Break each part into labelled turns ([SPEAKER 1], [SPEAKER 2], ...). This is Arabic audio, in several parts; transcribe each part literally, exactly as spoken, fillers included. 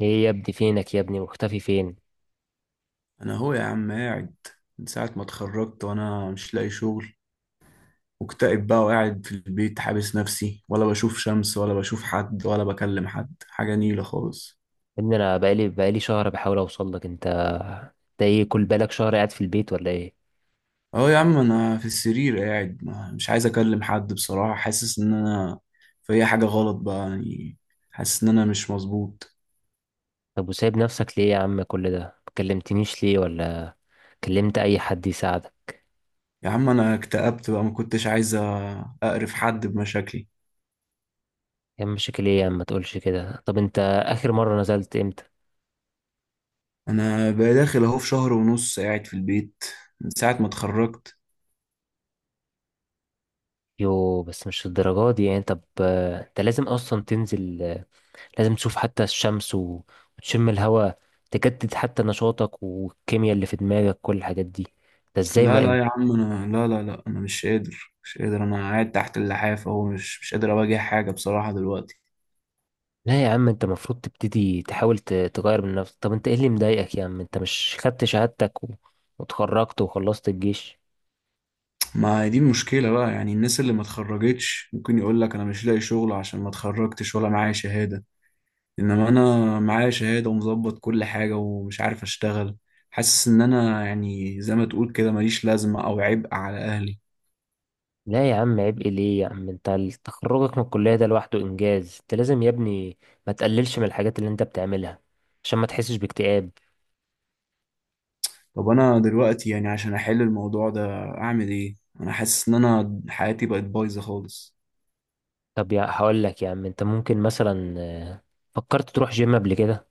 [SPEAKER 1] ايه يا ابني، فينك يا ابني؟ مختفي فين يا
[SPEAKER 2] انا هو يا عم قاعد. من ساعة ما اتخرجت وانا مش لاقي شغل. مكتئب بقى وقاعد في البيت، حابس نفسي، ولا بشوف شمس ولا بشوف حد ولا بكلم حد، حاجة نيلة خالص.
[SPEAKER 1] ابني؟ انا بقالي بقالي شهر بحاول اوصل لك. انت ده ايه؟ كل بالك شهر قاعد في البيت ولا ايه؟
[SPEAKER 2] اهو يا عم انا في السرير قاعد، ما- مش عايز اكلم حد بصراحة. حاسس ان انا في حاجة غلط بقى يعني. حاسس ان انا مش مظبوط.
[SPEAKER 1] طب وسايب نفسك ليه يا عم؟ كل ده ما كلمتنيش ليه، ولا كلمت اي حد يساعدك؟
[SPEAKER 2] يا عم انا اكتئبت بقى، ما كنتش عايز اقرف حد بمشاكلي.
[SPEAKER 1] يا عم، مشاكل ايه يا عم؟ ما تقولش كده. طب انت اخر مرة نزلت امتى؟
[SPEAKER 2] انا بقى داخل اهو في شهر ونص قاعد في البيت، من ساعة ما اتخرجت.
[SPEAKER 1] يو، بس مش الدرجات دي يعني. طب آه، انت لازم اصلا تنزل. آه، لازم تشوف حتى الشمس و- وتشم الهواء، تجدد حتى نشاطك والكيمياء اللي في دماغك، كل الحاجات دي. ده ازاي؟ ما
[SPEAKER 2] لا لا يا عم، انا لا لا لا، انا مش قادر مش قادر، انا قاعد تحت اللحاف اهو، مش مش قادر اواجه حاجه بصراحه دلوقتي.
[SPEAKER 1] لا يا عم، انت المفروض تبتدي تحاول ت- تغير من نفسك. طب انت ايه اللي مضايقك يا عم؟ انت مش خدت شهادتك و... وتخرجت وخلصت الجيش؟
[SPEAKER 2] ما هي دي المشكله بقى يعني. الناس اللي ما اتخرجتش ممكن يقول لك انا مش لاقي شغل عشان ما اتخرجتش ولا معايا شهاده، انما انا معايا شهاده ومظبط كل حاجه ومش عارف اشتغل. حاسس ان انا يعني زي ما تقول كده ماليش لازمه او عبء على اهلي.
[SPEAKER 1] لا يا عم، عيب ايه؟ ليه يا عم؟ انت ال- تخرجك من الكلية ده لوحده انجاز. انت لازم يا ابني ما تقللش من الحاجات اللي انت بتعملها، عشان ما تحسش باكتئاب.
[SPEAKER 2] طب انا دلوقتي يعني عشان احل الموضوع ده اعمل ايه؟ انا حاسس ان انا حياتي بقت بايظه خالص.
[SPEAKER 1] طب يا هقول لك يا عم، انت ممكن مثلا، آه، فكرت تروح جيم قبل كده؟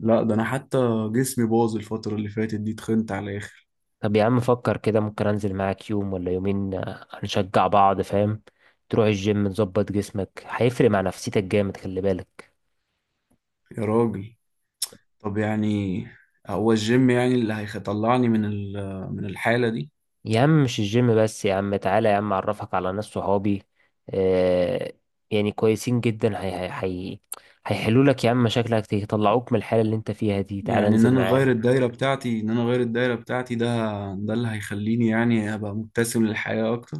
[SPEAKER 2] لا ده انا حتى جسمي باظ الفترة اللي فاتت دي، اتخنت على الاخر.
[SPEAKER 1] طب يا عم فكر كده، ممكن انزل معاك يوم ولا يومين، آه، هنشجع بعض، فاهم؟ تروح الجيم تظبط جسمك، هيفرق مع نفسيتك جامد، خلي بالك.
[SPEAKER 2] يا راجل، طب يعني هو الجيم يعني اللي هيطلعني من ال- من الحالة دي؟
[SPEAKER 1] يا عم مش الجيم بس، يا عم تعالى يا عم اعرفك على ناس صحابي، آه، يعني كويسين جدا، هي هي هي هيحلوا لك يا عم مشاكلك، يطلعوك من الحالة اللي انت فيها دي. تعالى
[SPEAKER 2] يعني ان
[SPEAKER 1] انزل
[SPEAKER 2] انا اغير
[SPEAKER 1] معانا.
[SPEAKER 2] الدايرة بتاعتي، ان انا اغير الدايرة بتاعتي، ده ده اللي هيخليني يعني ابقى مبتسم للحياة اكتر؟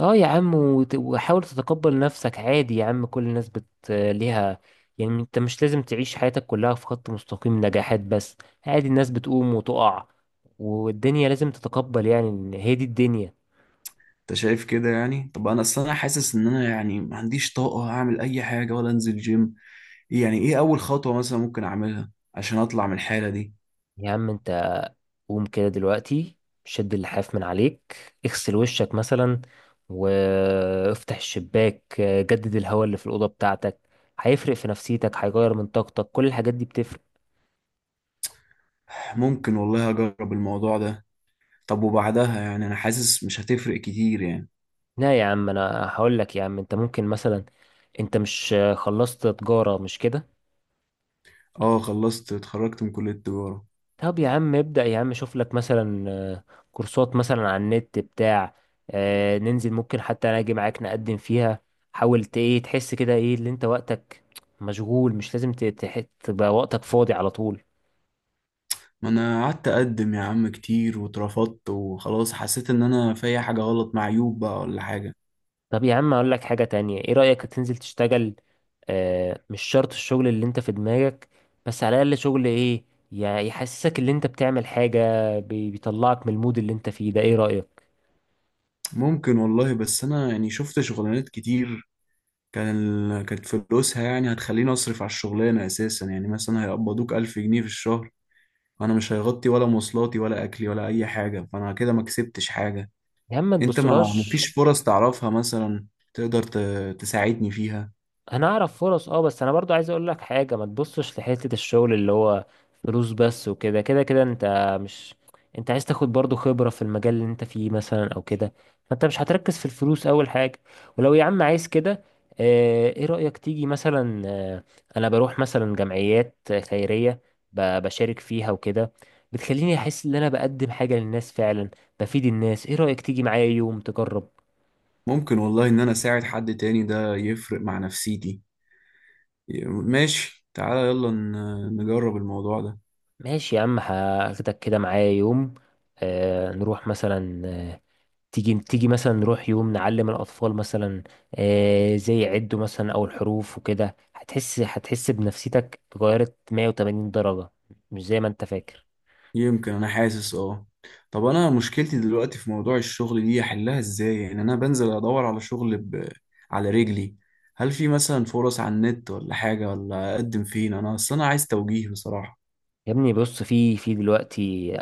[SPEAKER 1] اه يا عم، وت- وحاول تتقبل نفسك عادي يا عم. كل الناس بت ليها. يعني انت مش لازم تعيش حياتك كلها في خط مستقيم نجاحات بس. عادي، الناس بتقوم وتقع، والدنيا لازم تتقبل يعني ان هي دي الدنيا.
[SPEAKER 2] انت شايف كده يعني؟ طب انا اصل انا حاسس ان انا يعني ما عنديش طاقة اعمل اي حاجة ولا انزل جيم. إيه يعني ايه اول خطوة مثلا ممكن اعملها عشان اطلع من الحالة دي؟
[SPEAKER 1] يا عم انت قوم كده دلوقتي، شد اللحاف من عليك، اغسل وشك مثلا، وافتح الشباك، آه، جدد الهواء اللي في الأوضة بتاعتك. هيفرق في نفسيتك، هيغير من طاقتك، كل الحاجات دي بتفرق.
[SPEAKER 2] ممكن والله اجرب الموضوع ده. طب وبعدها يعني انا حاسس مش هتفرق كتير يعني.
[SPEAKER 1] لا يا عم انا هقول لك يا عم. انت ممكن مثلا، انت مش آه، خلصت تجارة، مش كده؟
[SPEAKER 2] اه، خلصت، اتخرجت من كلية التجارة.
[SPEAKER 1] طب يا عم ابدأ يا عم، شوف لك مثلا آه، كورسات مثلا على النت بتاع، آه، ننزل ممكن حتى انا اجي معاك نقدم فيها. حاول ت- ايه تحس كده ايه اللي انت وقتك مشغول، مش لازم ت- تح- تبقى وقتك فاضي على طول.
[SPEAKER 2] ما انا قعدت اقدم يا عم كتير واترفضت، وخلاص حسيت ان انا في أي حاجة غلط، مع عيوب بقى ولا حاجة.
[SPEAKER 1] طب يا عم اقول لك حاجة تانية، ايه رأيك تنزل تشتغل؟ آه، مش شرط الشغل اللي انت في دماغك، بس على الاقل شغل ايه يع- يحسسك ان انت بتعمل حاجة، بي- بيطلعك من المود اللي انت فيه ده، ايه رأيك؟
[SPEAKER 2] ممكن والله، بس انا يعني شفت شغلانات كتير، كان ال- كانت فلوسها يعني هتخليني اصرف على الشغلانة اساسا. يعني مثلا هيقبضوك ألف جنيه في الشهر، وانا مش هيغطي ولا مواصلاتي ولا اكلي ولا اي حاجة، فانا كده ما كسبتش حاجة.
[SPEAKER 1] يا عم ما
[SPEAKER 2] انت ما
[SPEAKER 1] تبصلهاش.
[SPEAKER 2] مفيش فرص تعرفها مثلا تقدر ت- تساعدني فيها؟
[SPEAKER 1] انا اعرف فرص، اه، بس انا برضو عايز اقول لك حاجه، ما تبصش لحته الشغل اللي هو فلوس بس وكده كده كده انت مش، انت عايز تاخد برضو خبره في المجال اللي انت فيه مثلا او كده. فانت مش هتركز في الفلوس اول حاجه. ولو يا عم عايز كده، آه، ايه رايك تيجي مثلا، آه، انا بروح مثلا جمعيات خيريه، ب- بشارك فيها وكده، بتخليني احس ان انا بقدم حاجه للناس فعلا، بفيد الناس. ايه رايك تيجي معايا يوم تجرب؟
[SPEAKER 2] ممكن والله ان انا اساعد حد تاني ده يفرق مع نفسيتي. ماشي تعالى يلا ن- نجرب الموضوع ده.
[SPEAKER 1] ماشي يا عم، هاخدك كده معايا يوم، آه نروح مثلا، آه تيجي تيجي مثلا نروح يوم نعلم الأطفال مثلا، آه زي يعدوا مثلا أو الحروف وكده. هتحس هتحس بنفسيتك اتغيرت مية وتمانين درجة، مش زي ما انت فاكر.
[SPEAKER 2] يمكن، انا حاسس اه. طب انا مشكلتي دلوقتي في موضوع الشغل دي احلها ازاي؟ يعني انا بنزل ادور على شغل ب... على رجلي. هل في مثلا فرص على النت ولا حاجة؟ ولا اقدم فين؟ انا اصل انا عايز توجيه بصراحة.
[SPEAKER 1] يا ابني بص، في في دلوقتي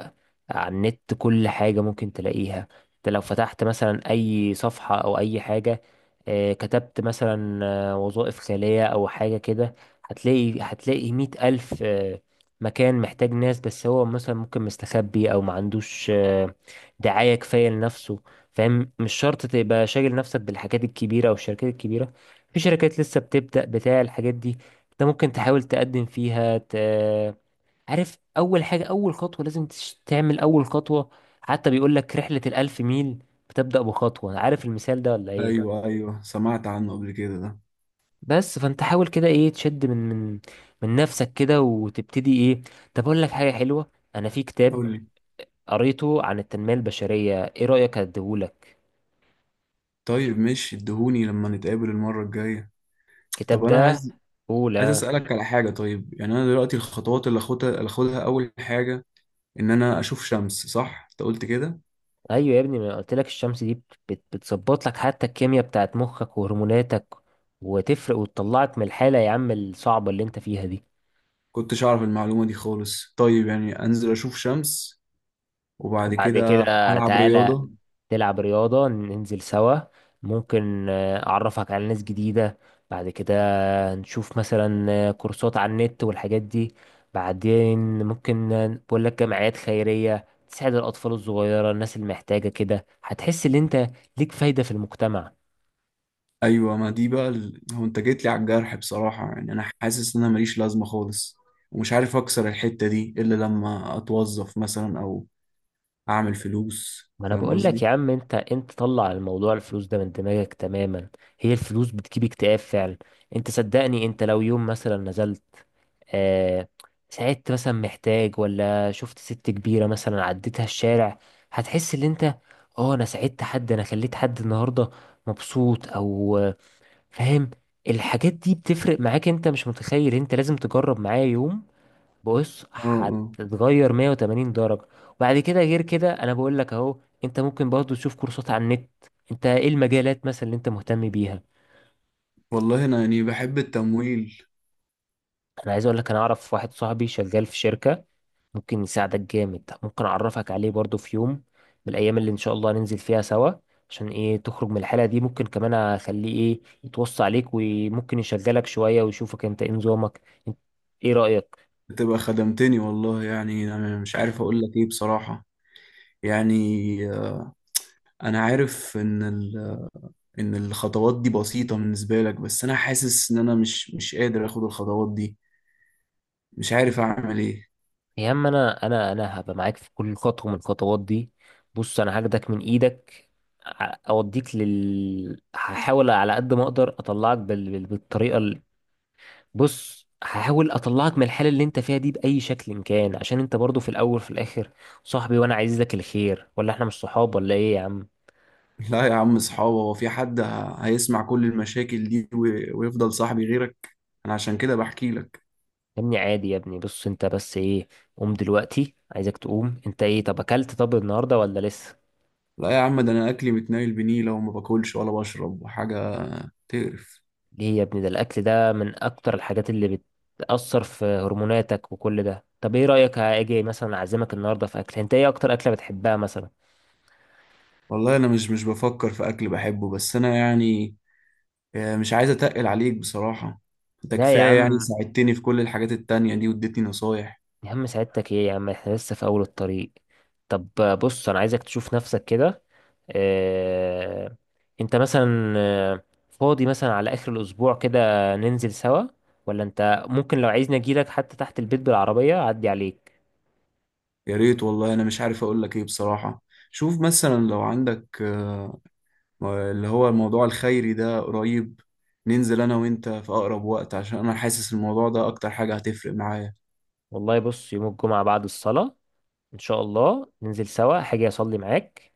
[SPEAKER 1] على النت كل حاجة ممكن تلاقيها. انت لو فتحت مثلا اي صفحة او اي حاجة، آه، كتبت مثلا آه، وظائف خالية او حاجة كده، هتلاقي هتلاقي مية الف آه، مكان محتاج ناس. بس هو مثلا ممكن مستخبي او ما عندوش آه، دعاية كفاية لنفسه، فاهم. مش شرط تبقى شاغل نفسك بالحاجات الكبيرة او الشركات الكبيرة. في شركات لسه بتبدأ بتاع الحاجات دي، انت ممكن تحاول تقدم فيها ت... عارف اول حاجه، اول خطوه لازم تش- تعمل اول خطوه. حتى بيقول لك رحله الالف ميل بتبدا بخطوه، عارف المثال ده ولا ايه؟
[SPEAKER 2] ايوه، ايوه، سمعت عنه قبل كده ده.
[SPEAKER 1] بس فانت حاول كده ايه، تشد من من من نفسك كده وتبتدي ايه. طب اقول لك حاجه حلوه، انا في كتاب
[SPEAKER 2] قول لي.
[SPEAKER 1] قريته عن التنميه البشريه، ايه رايك اديهولك
[SPEAKER 2] طيب ماشي، اديهوني لما نتقابل المرة الجاية.
[SPEAKER 1] الكتاب
[SPEAKER 2] طب انا
[SPEAKER 1] ده؟
[SPEAKER 2] عايز عايز
[SPEAKER 1] اولى.
[SPEAKER 2] اسالك على حاجه. طيب يعني انا دلوقتي الخطوات اللي اخدها، اللي اخدها اول حاجه ان انا اشوف شمس، صح؟ انت قلت كده.
[SPEAKER 1] ايوه يا ابني، ما قلت لك الشمس دي بت- بتظبط لك حتى الكيمياء بتاعت مخك وهرموناتك، وتفرق وتطلعك من الحاله يا عم الصعبه اللي انت فيها دي.
[SPEAKER 2] كنتش اعرف المعلومه دي خالص. طيب يعني انزل اشوف شمس وبعد
[SPEAKER 1] وبعد
[SPEAKER 2] كده
[SPEAKER 1] كده
[SPEAKER 2] العب
[SPEAKER 1] تعالى
[SPEAKER 2] رياضه.
[SPEAKER 1] تلعب رياضة، ننزل سوا. ممكن آه، أعرفك على ناس جديدة. بعد كده نشوف مثلا آه، كورسات على النت والحاجات دي. بعدين ممكن آه، بقول لك جمعيات خيرية تساعد الأطفال الصغيرة، الناس المحتاجة كده. هتحس إن أنت ليك فايدة في المجتمع.
[SPEAKER 2] ايوه، ما دي بقى ال- هو انت جيت لي على الجرح بصراحه. يعني انا حاسس ان انا ماليش لازمه خالص، ومش عارف اكسر الحته دي الا لما اتوظف مثلا او اعمل فلوس،
[SPEAKER 1] ما أنا
[SPEAKER 2] فاهم
[SPEAKER 1] بقول لك
[SPEAKER 2] قصدي؟
[SPEAKER 1] يا عم، أنت أنت طلع الموضوع الفلوس ده من دماغك تماما. هي الفلوس بتجيب اكتئاب فعلا. أنت صدقني، أنت لو يوم مثلا نزلت، آه، ساعدت مثلا محتاج، ولا شفت ست كبيرة مثلا عديتها الشارع، هتحس ان انت، اه انا ساعدت حد، انا خليت حد النهاردة مبسوط، او آه، فاهم. الحاجات دي بتفرق معاك، انت مش متخيل. انت لازم تجرب معايا يوم، بص
[SPEAKER 2] اه. اه.
[SPEAKER 1] هتتغير مية وتمانين درجة. وبعد كده غير كده، انا بقول لك اهو انت ممكن برضه تشوف كورسات على النت. انت ايه المجالات مثلا اللي انت مهتم بيها؟
[SPEAKER 2] والله انا يعني بحب التمويل.
[SPEAKER 1] انا عايز اقول لك، انا اعرف واحد صاحبي شغال في شركة، ممكن يساعدك جامد. ممكن اعرفك عليه برضو في يوم من الايام اللي ان شاء الله ننزل فيها سوا، عشان ايه تخرج من الحالة دي. ممكن كمان اخليه ايه يتوصى عليك، وممكن يشغلك شوية ويشوفك انت ايه نظامك، انت ايه رأيك؟
[SPEAKER 2] بتبقى خدمتني والله، يعني انا مش عارف اقول لك ايه بصراحة. يعني، آه، انا عارف ان ال- ان الخطوات دي بسيطة بالنسبة لك، بس انا حاسس ان انا مش مش قادر اخد الخطوات دي. مش عارف اعمل ايه.
[SPEAKER 1] يا عم انا انا انا هبقى معاك في كل خطوة من الخطوات دي. بص انا هاخدك من ايدك، ع- اوديك لل هحاول على قد ما اقدر اطلعك بال... بال- بالطريقة. بص هحاول اطلعك من الحالة اللي انت فيها دي بأي شكل كان، عشان انت برضو في الاول في الاخر صاحبي، وانا عايز لك الخير، ولا احنا مش صحاب ولا ايه يا عم؟
[SPEAKER 2] لا يا عم صحابه. هو في حد ه- هيسمع كل المشاكل دي وي- ويفضل صاحبي غيرك؟ انا عشان كده بحكي لك.
[SPEAKER 1] يا ابني عادي يا ابني، بص انت بس ايه، قوم دلوقتي، عايزك تقوم انت، ايه طب اكلت طب النهاردة ولا لسه؟
[SPEAKER 2] لا يا عم، ده انا اكلي متنايل بنيلة وما باكلش ولا بشرب وحاجة تقرف.
[SPEAKER 1] ليه يا ابني؟ ده الاكل ده من اكتر الحاجات اللي بتأثر في هرموناتك وكل ده. طب ايه رأيك اجي مثلا اعزمك النهاردة في اكل؟ انت ايه اكتر اكلة بتحبها مثلا؟
[SPEAKER 2] والله انا مش مش بفكر في اكل بحبه، بس انا يعني، آه، مش عايز اتقل عليك بصراحة. انت
[SPEAKER 1] لا يا
[SPEAKER 2] كفاية يعني
[SPEAKER 1] عم،
[SPEAKER 2] ساعدتني في كل الحاجات التانية دي واديتني نصايح.
[SPEAKER 1] يا عم سعادتك ايه يا عم، احنا لسه في اول الطريق. طب بص انا عايزك تشوف نفسك كده. اه انت مثلا آه، فاضي مثلا على اخر الاسبوع كده، ننزل سوا. ولا انت ممكن لو عايزني اجيلك حتى تحت البيت بالعربية اعدي عليك.
[SPEAKER 2] يا ريت والله، انا مش عارف اقول لك ايه بصراحة. شوف مثلا لو عندك، آه، آه، اللي هو الموضوع الخيري ده قريب، ننزل انا وانت في اقرب وقت، عشان انا حاسس الموضوع ده اكتر حاجة هتفرق معايا.
[SPEAKER 1] والله بص يوم الجمعة بعد الصلاة ان شاء الله ننزل سوا، حاجة اصلي معاك،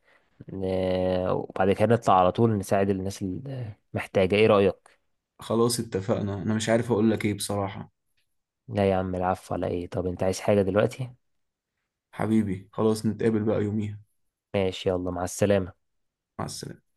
[SPEAKER 1] آه، وبعد كده نطلع على طول نساعد الناس المحتاجة، ايه رأيك؟
[SPEAKER 2] خلاص، اتفقنا. انا مش عارف اقول لك ايه بصراحة.
[SPEAKER 1] لا يا عم، العفو على ايه؟ طب انت عايز حاجة دلوقتي؟
[SPEAKER 2] حبيبي، خلاص نتقابل بقى يوميها.
[SPEAKER 1] ماشي، يلا مع السلامة.
[SPEAKER 2] مع السلامة.